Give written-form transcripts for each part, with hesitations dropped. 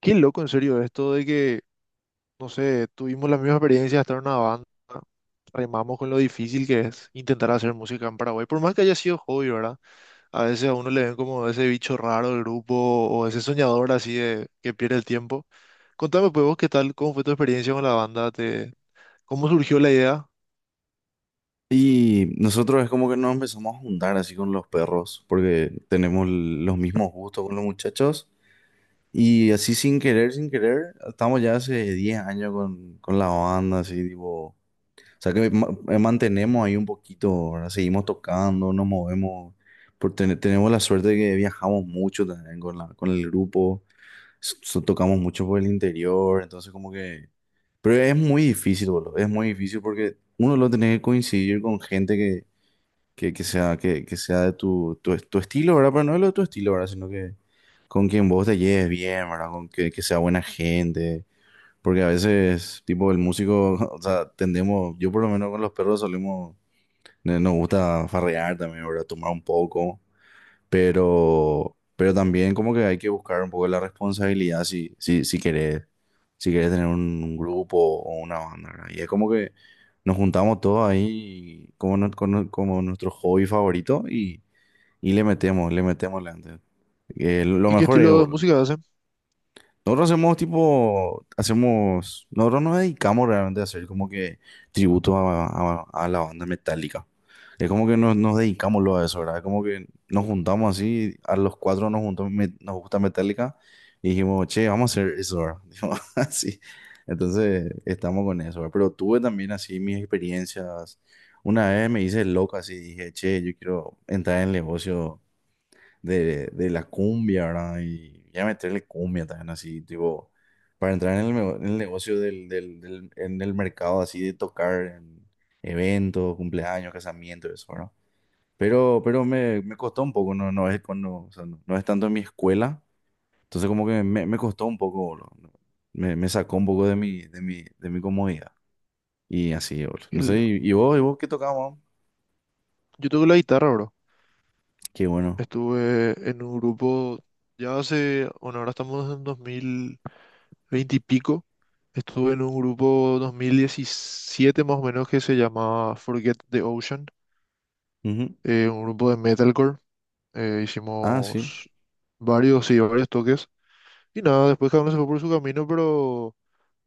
Qué loco, en serio, esto de que, no sé, tuvimos la misma experiencia de estar en una banda, remamos con lo difícil que es intentar hacer música en Paraguay, por más que haya sido hobby, ¿verdad? A veces a uno le ven como ese bicho raro del grupo o ese soñador así de que pierde el tiempo. Contame, pues, vos, ¿qué tal? ¿Cómo fue tu experiencia con la banda? ¿Cómo surgió la idea? Y nosotros es como que nos empezamos a juntar así con los perros, porque tenemos los mismos gustos con los muchachos. Y así sin querer, sin querer, estamos ya hace 10 años con la banda, así tipo... O sea que mantenemos ahí un poquito, ¿verdad? Seguimos tocando, nos movemos. Tenemos la suerte de que viajamos mucho también con, la, con el grupo, tocamos mucho por el interior, entonces como que... Pero es muy difícil, boludo. Es muy difícil porque uno lo tiene que coincidir con gente que que sea de tu estilo, ¿verdad? Pero no de lo de tu estilo, ¿verdad? Sino que con quien vos te lleves bien, ¿verdad? Que sea buena gente. Porque a veces, tipo, el músico, o sea, tendemos, yo por lo menos con los perros solemos, nos gusta farrear también, ¿verdad? Tomar un poco, pero también como que hay que buscar un poco la responsabilidad si querés, si querés tener un grupo o una banda, ¿verdad? Y es como que nos juntamos todos ahí como, no- como, como nuestro hobby favorito y le metemos, le metemos le antes. Lo ¿Y qué mejor es, estilo de boludo. música hacen? Nosotros hacemos tipo, hacemos, nosotros nos dedicamos realmente a hacer como que tributos a la banda metálica. Es como que nos dedicamos lo a eso, ¿verdad? Es como que nos juntamos así, a los cuatro nos juntamos, nos gusta Metallica y dijimos, che, vamos a hacer eso, ¿verdad? Dijimos así. Entonces estamos con eso, ¿verdad? Pero tuve también así mis experiencias. Una vez me hice loco así, dije, che, yo quiero entrar en el negocio de la cumbia, ¿verdad? Y ya meterle cumbia también así, tipo, para entrar en en el negocio en el mercado así de tocar en eventos, cumpleaños, casamientos, eso, ¿verdad? Pero me costó un poco, no, no es cuando, o sea, no, no es tanto en mi escuela, entonces como que me costó un poco, boludo, ¿no? Me sacó un poco de de mi comodidad. Y así, boludo. No sé, El- ¿y, y vos qué tocabas, man? Yo toco la guitarra, bro. Qué bueno. Estuve en un grupo ya hace, bueno, ahora estamos en 2000. 20 y pico. Estuve en un grupo 2017 más o menos que se llamaba Forget the Ocean, Ujú. Un grupo de metalcore. Ah, sí. Hicimos varios, sí, varios toques. Y nada, después cada uno se fue por su camino,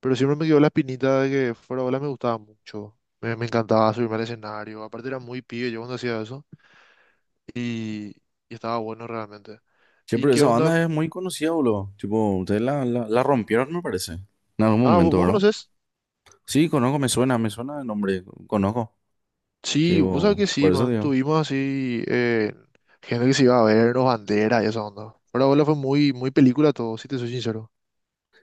pero siempre me quedó la espinita de que fuera bola me gustaba mucho. Me encantaba subirme al escenario. Aparte era muy pibe yo cuando hacía eso. Y, y estaba bueno realmente. Sí, ¿Y pero qué esa onda? banda es muy conocida, boludo. Tipo, ustedes la rompieron, me parece. En algún Ah, momento, ¿vos ¿verdad? conoces? Sí, conozco, me suena el nombre, conozco. Sí, vos sabés Tipo, que por sí, eso man. digo. Tuvimos así gente que se iba a vernos, banderas y esa onda. Pero abuela fue muy, muy película todo, si te soy sincero.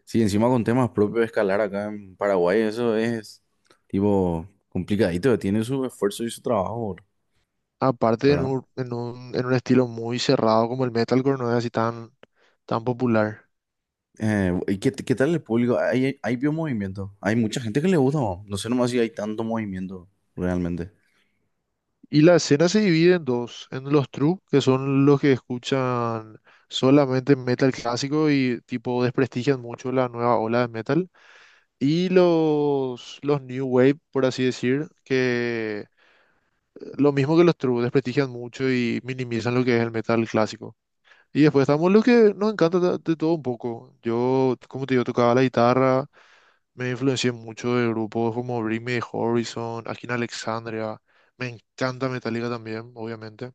Sí, encima con temas propios de escalar acá en Paraguay, eso es, tipo, complicadito. Tiene su esfuerzo y su trabajo, boludo, Aparte ¿verdad? En un estilo muy cerrado como el metalcore, no es así tan popular. ¿Y qué, qué tal el público? ¿Hay, hay vio movimiento? Hay mucha gente que le gusta, ¿no? No sé nomás si hay tanto movimiento, realmente. Y la escena se divide en dos, en los true, que son los que escuchan solamente metal clásico y tipo desprestigian mucho la nueva ola de metal. Y los new wave, por así decir, que lo mismo que los true, desprestigian mucho y minimizan lo que es el metal clásico. Y después estamos lo que nos encanta de todo un poco. Yo, como te digo, tocaba la guitarra, me influencié mucho de grupos como Bring Me the Horizon, Akin Alexandria. Me encanta Metallica también, obviamente.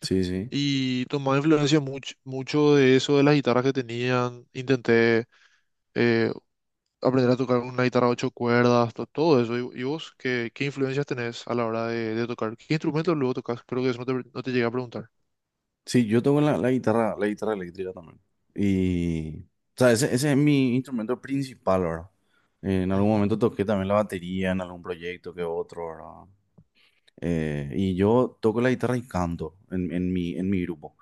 Sí, sí. Y tomaba influencia mucho, mucho de eso, de las guitarras que tenían. Intenté eh, aprender a tocar una guitarra a 8 cuerdas, todo eso. Y vos qué, qué influencias tenés a la hora de tocar? ¿Qué instrumento luego tocas? Creo que eso no no te llegué a preguntar. Sí, yo toco la guitarra eléctrica también. Y, o sea, ese es mi instrumento principal, ¿verdad? En algún Ujú, momento toqué también la batería en algún proyecto que otro, ¿verdad? Y yo toco la guitarra y canto en mi grupo.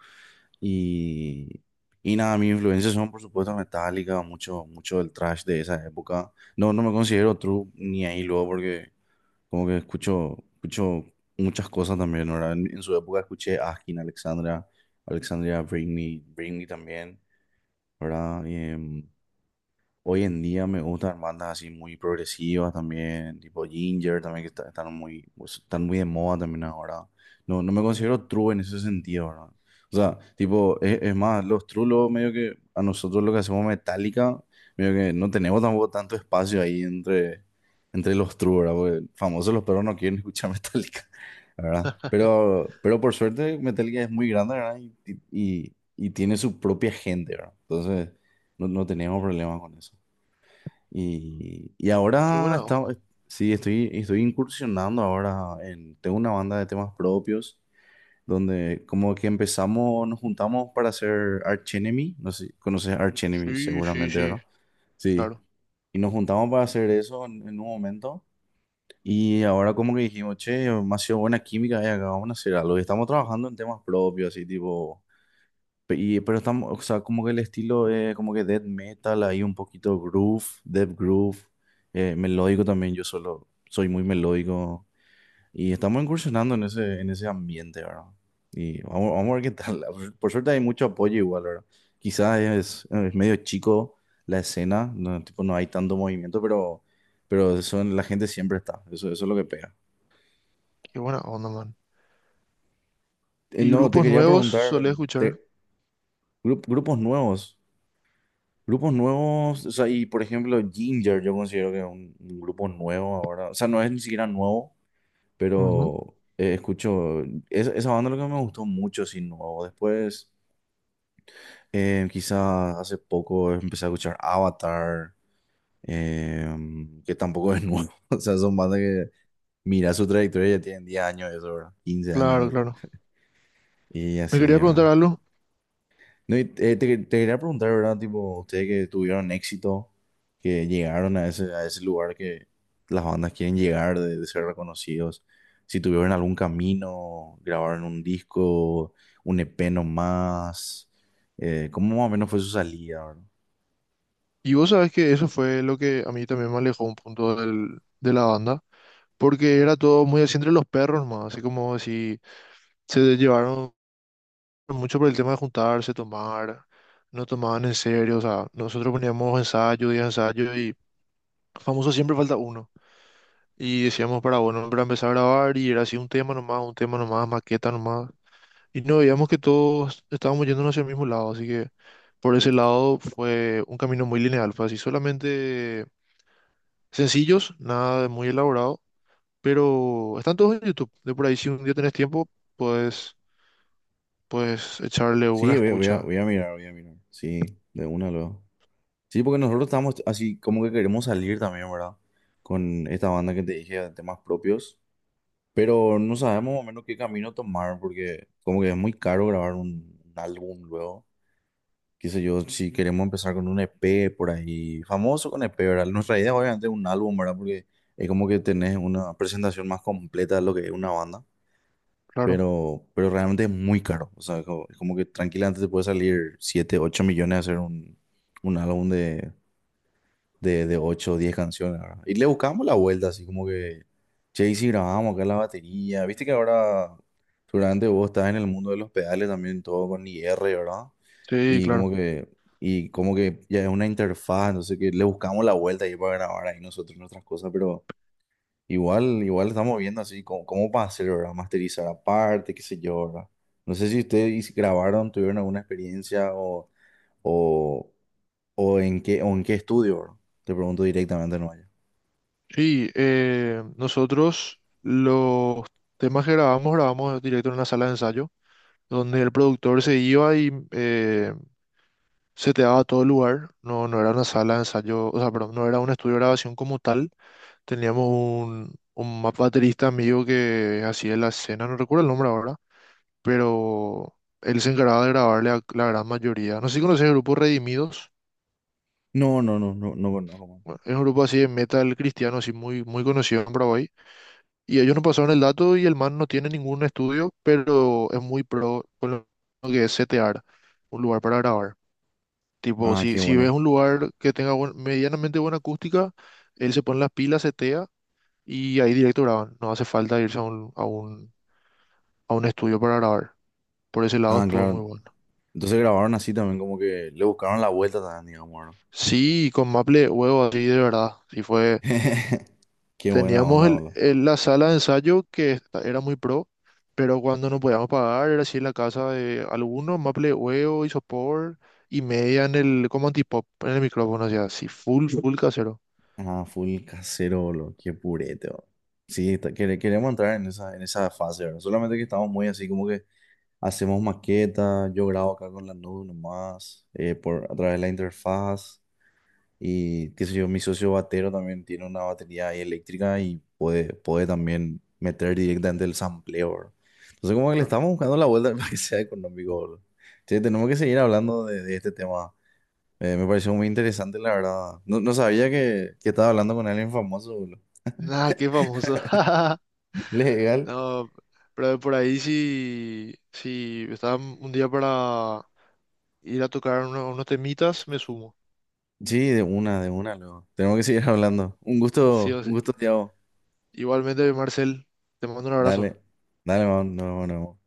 Y, y nada, mis influencias son, por supuesto, Metallica, mucho, mucho del thrash de esa época. No, no me considero true ni ahí luego porque como que escucho, escucho muchas cosas también, ¿verdad? En su época escuché Askin, Alexandra, Alexandria Britney, Britney también, ¿verdad? Y, hoy en día me gustan bandas así muy progresivas también, tipo Ginger también, están muy, pues, están muy de moda también ahora. No, no me ujú. considero true en ese sentido, ¿verdad? O sea, tipo, es más, los true luego medio que a nosotros lo que hacemos Metallica, medio que no tenemos tampoco tanto espacio ahí entre, entre los true, ¿verdad? Porque famosos los perros no quieren escuchar Metallica, ¿verdad? Pero por suerte Metallica es muy grande, ¿verdad? Y y tiene su propia gente, ¿verdad? Entonces, no, no tenemos problemas con eso. Y Qué ahora buena está, onda. sí, estoy, estoy incursionando ahora en, tengo una banda de temas propios donde como que empezamos, nos juntamos para hacer Archenemy, no sé, conoces Archenemy Sí, sí, seguramente, sí, ¿verdad? Sí, claro. y nos juntamos para hacer eso en un momento y ahora como que dijimos, che, me ha sido buena química, y acá vamos a hacer algo y estamos trabajando en temas propios, así tipo. Y, pero estamos, o sea, como que el estilo es como que death metal, ahí un poquito groove, death groove, melódico también, yo solo soy muy melódico y estamos incursionando en ese ambiente, ¿verdad? Y vamos, vamos a ver qué tal. Por suerte hay mucho apoyo igual, ¿verdad? Quizás es medio chico la escena, no, tipo, no hay tanto movimiento, pero eso, la gente siempre está, eso es lo que pega. Qué buena onda, man. ¿Y No, te grupos quería nuevos preguntar, solés escuchar? de grupos nuevos. Grupos nuevos, o sea, y por ejemplo, Ginger, yo considero que es un grupo nuevo ahora. O sea, no es ni siquiera nuevo, Ujú. pero escucho. Esa esa banda lo que me gustó mucho, sí, nuevo. Después, quizás hace poco empecé a escuchar Avatar, que tampoco es nuevo. O sea, son bandas que, mira su trayectoria, y ya tienen 10 años, eso, ¿verdad? 15 años, Claro, no sé. claro. Y Me así, quería preguntar ¿verdad? algo. No, y, te quería preguntar, ¿verdad? Tipo, ustedes que tuvieron éxito, que llegaron a ese lugar que las bandas quieren llegar, de ser reconocidos, si tuvieron algún camino, grabaron un disco, un EP nomás, ¿cómo más o menos fue su salida, verdad? Y vos sabés que eso fue lo que a mí también me alejó un punto del, de la banda. Porque era todo muy así entre los perros, más. Así como si se llevaron mucho por el tema de juntarse, tomar, no tomaban en serio, o sea, nosotros poníamos ensayo y ensayo y famoso siempre falta uno. Y decíamos para, bueno, para empezar a grabar y era así un tema nomás, maqueta nomás. Y no veíamos que todos estábamos yéndonos hacia el mismo lado, así que por ese lado fue un camino muy lineal, fue así, solamente sencillos, nada de muy elaborado, pero están todos en YouTube, de por ahí si un día tenés tiempo, pues, puedes echarle una Sí, voy a, voy a, escucha, voy a mirar, voy a mirar. Sí, de una luego. Sí, porque nosotros estamos así como que queremos salir también, ¿verdad? Con esta banda que te dije de temas propios. Pero no sabemos más o menos qué camino tomar porque como que es muy caro grabar un álbum luego. Qué sé yo, si queremos empezar con un EP por ahí, famoso con EP, ¿verdad? Nuestra idea obviamente es un álbum, ¿verdad? Porque es como que tenés una presentación más completa de lo que es una banda, claro. Pero realmente es muy caro. O sea, es como que tranquilamente te puede salir 7 8 millones hacer un álbum de, de 8 o 10 canciones, ¿verdad? Y le buscamos la vuelta, así como que, che, y si grabamos acá la batería, viste que ahora seguramente vos estás en el mundo de los pedales también, todo con IR, ¿verdad? Sí, Y como claro. que, y como que ya es una interfaz, entonces que le buscamos la vuelta ahí para grabar ahí nosotros nuestras cosas, pero igual, igual estamos viendo así cómo, cómo para hacer, ¿verdad? Masterizar aparte, qué sé yo, ¿verdad? No sé si ustedes grabaron, tuvieron alguna experiencia o, o en qué estudio, ¿verdad? Te pregunto directamente, no. Sí, nosotros los temas que grabamos, grabamos directo en una sala de ensayo, donde el productor se iba y se te daba todo el lugar. No, no era una sala de ensayo, o sea, perdón, no era un estudio de grabación como tal. Teníamos un, baterista amigo que hacía la escena, no recuerdo el nombre ahora, pero él se encargaba de grabarle a la gran mayoría. No sé si conoces el grupo Redimidos, No, no, no, no, no conozco, man. bueno, es un grupo así de metal cristiano, así muy, muy conocido en Paraguay. Y ellos nos pasaron el dato y el man no tiene ningún estudio, pero es muy pro con lo que es setear un lugar para grabar. Tipo, Ah, qué si ves bueno. un lugar que tenga medianamente buena acústica, él se pone las pilas, setea y ahí directo graban. No hace falta irse a un, a un, a un estudio para grabar. Por ese lado Ah, estuvo muy claro. bueno. Entonces grabaron así también, como que le buscaron la vuelta también, digamos, ¿no? Sí, con Maple huevo así de verdad. Sí fue. Qué buena Teníamos onda, el, boludo. La sala de ensayo que era muy pro, pero cuando nos podíamos pagar era así en la casa de algunos, Maple Huevo, Isopor y media en el, como antipop, en el micrófono, o sea, así, full, full casero. Ah, full casero, boludo. Qué purete, boludo. Sí, queremos entrar en esa fase, ¿verdad? Solamente que estamos muy así como que hacemos maquetas. Yo grabo acá con la nube nomás, por, a través de la interfaz. Y qué sé yo, mi socio batero también tiene una batería ahí eléctrica y puede, puede también meter directamente el sampleo, bro. Entonces, como que le Claro. estamos buscando la vuelta para que sea económico, bro. Che, tenemos que seguir hablando de este tema. Me pareció muy interesante, la verdad. No, no sabía que estaba hablando con alguien famoso, boludo. Nada, qué famoso. Legal. No, pero por ahí sí, sí, estaba un día para ir a tocar unos temitas, me sumo. Sí, de una, luego. Tenemos que seguir hablando. Sí o Un sí. gusto, Tiago. Igualmente, Marcel, te mando un abrazo. Dale, dale, man. No, no.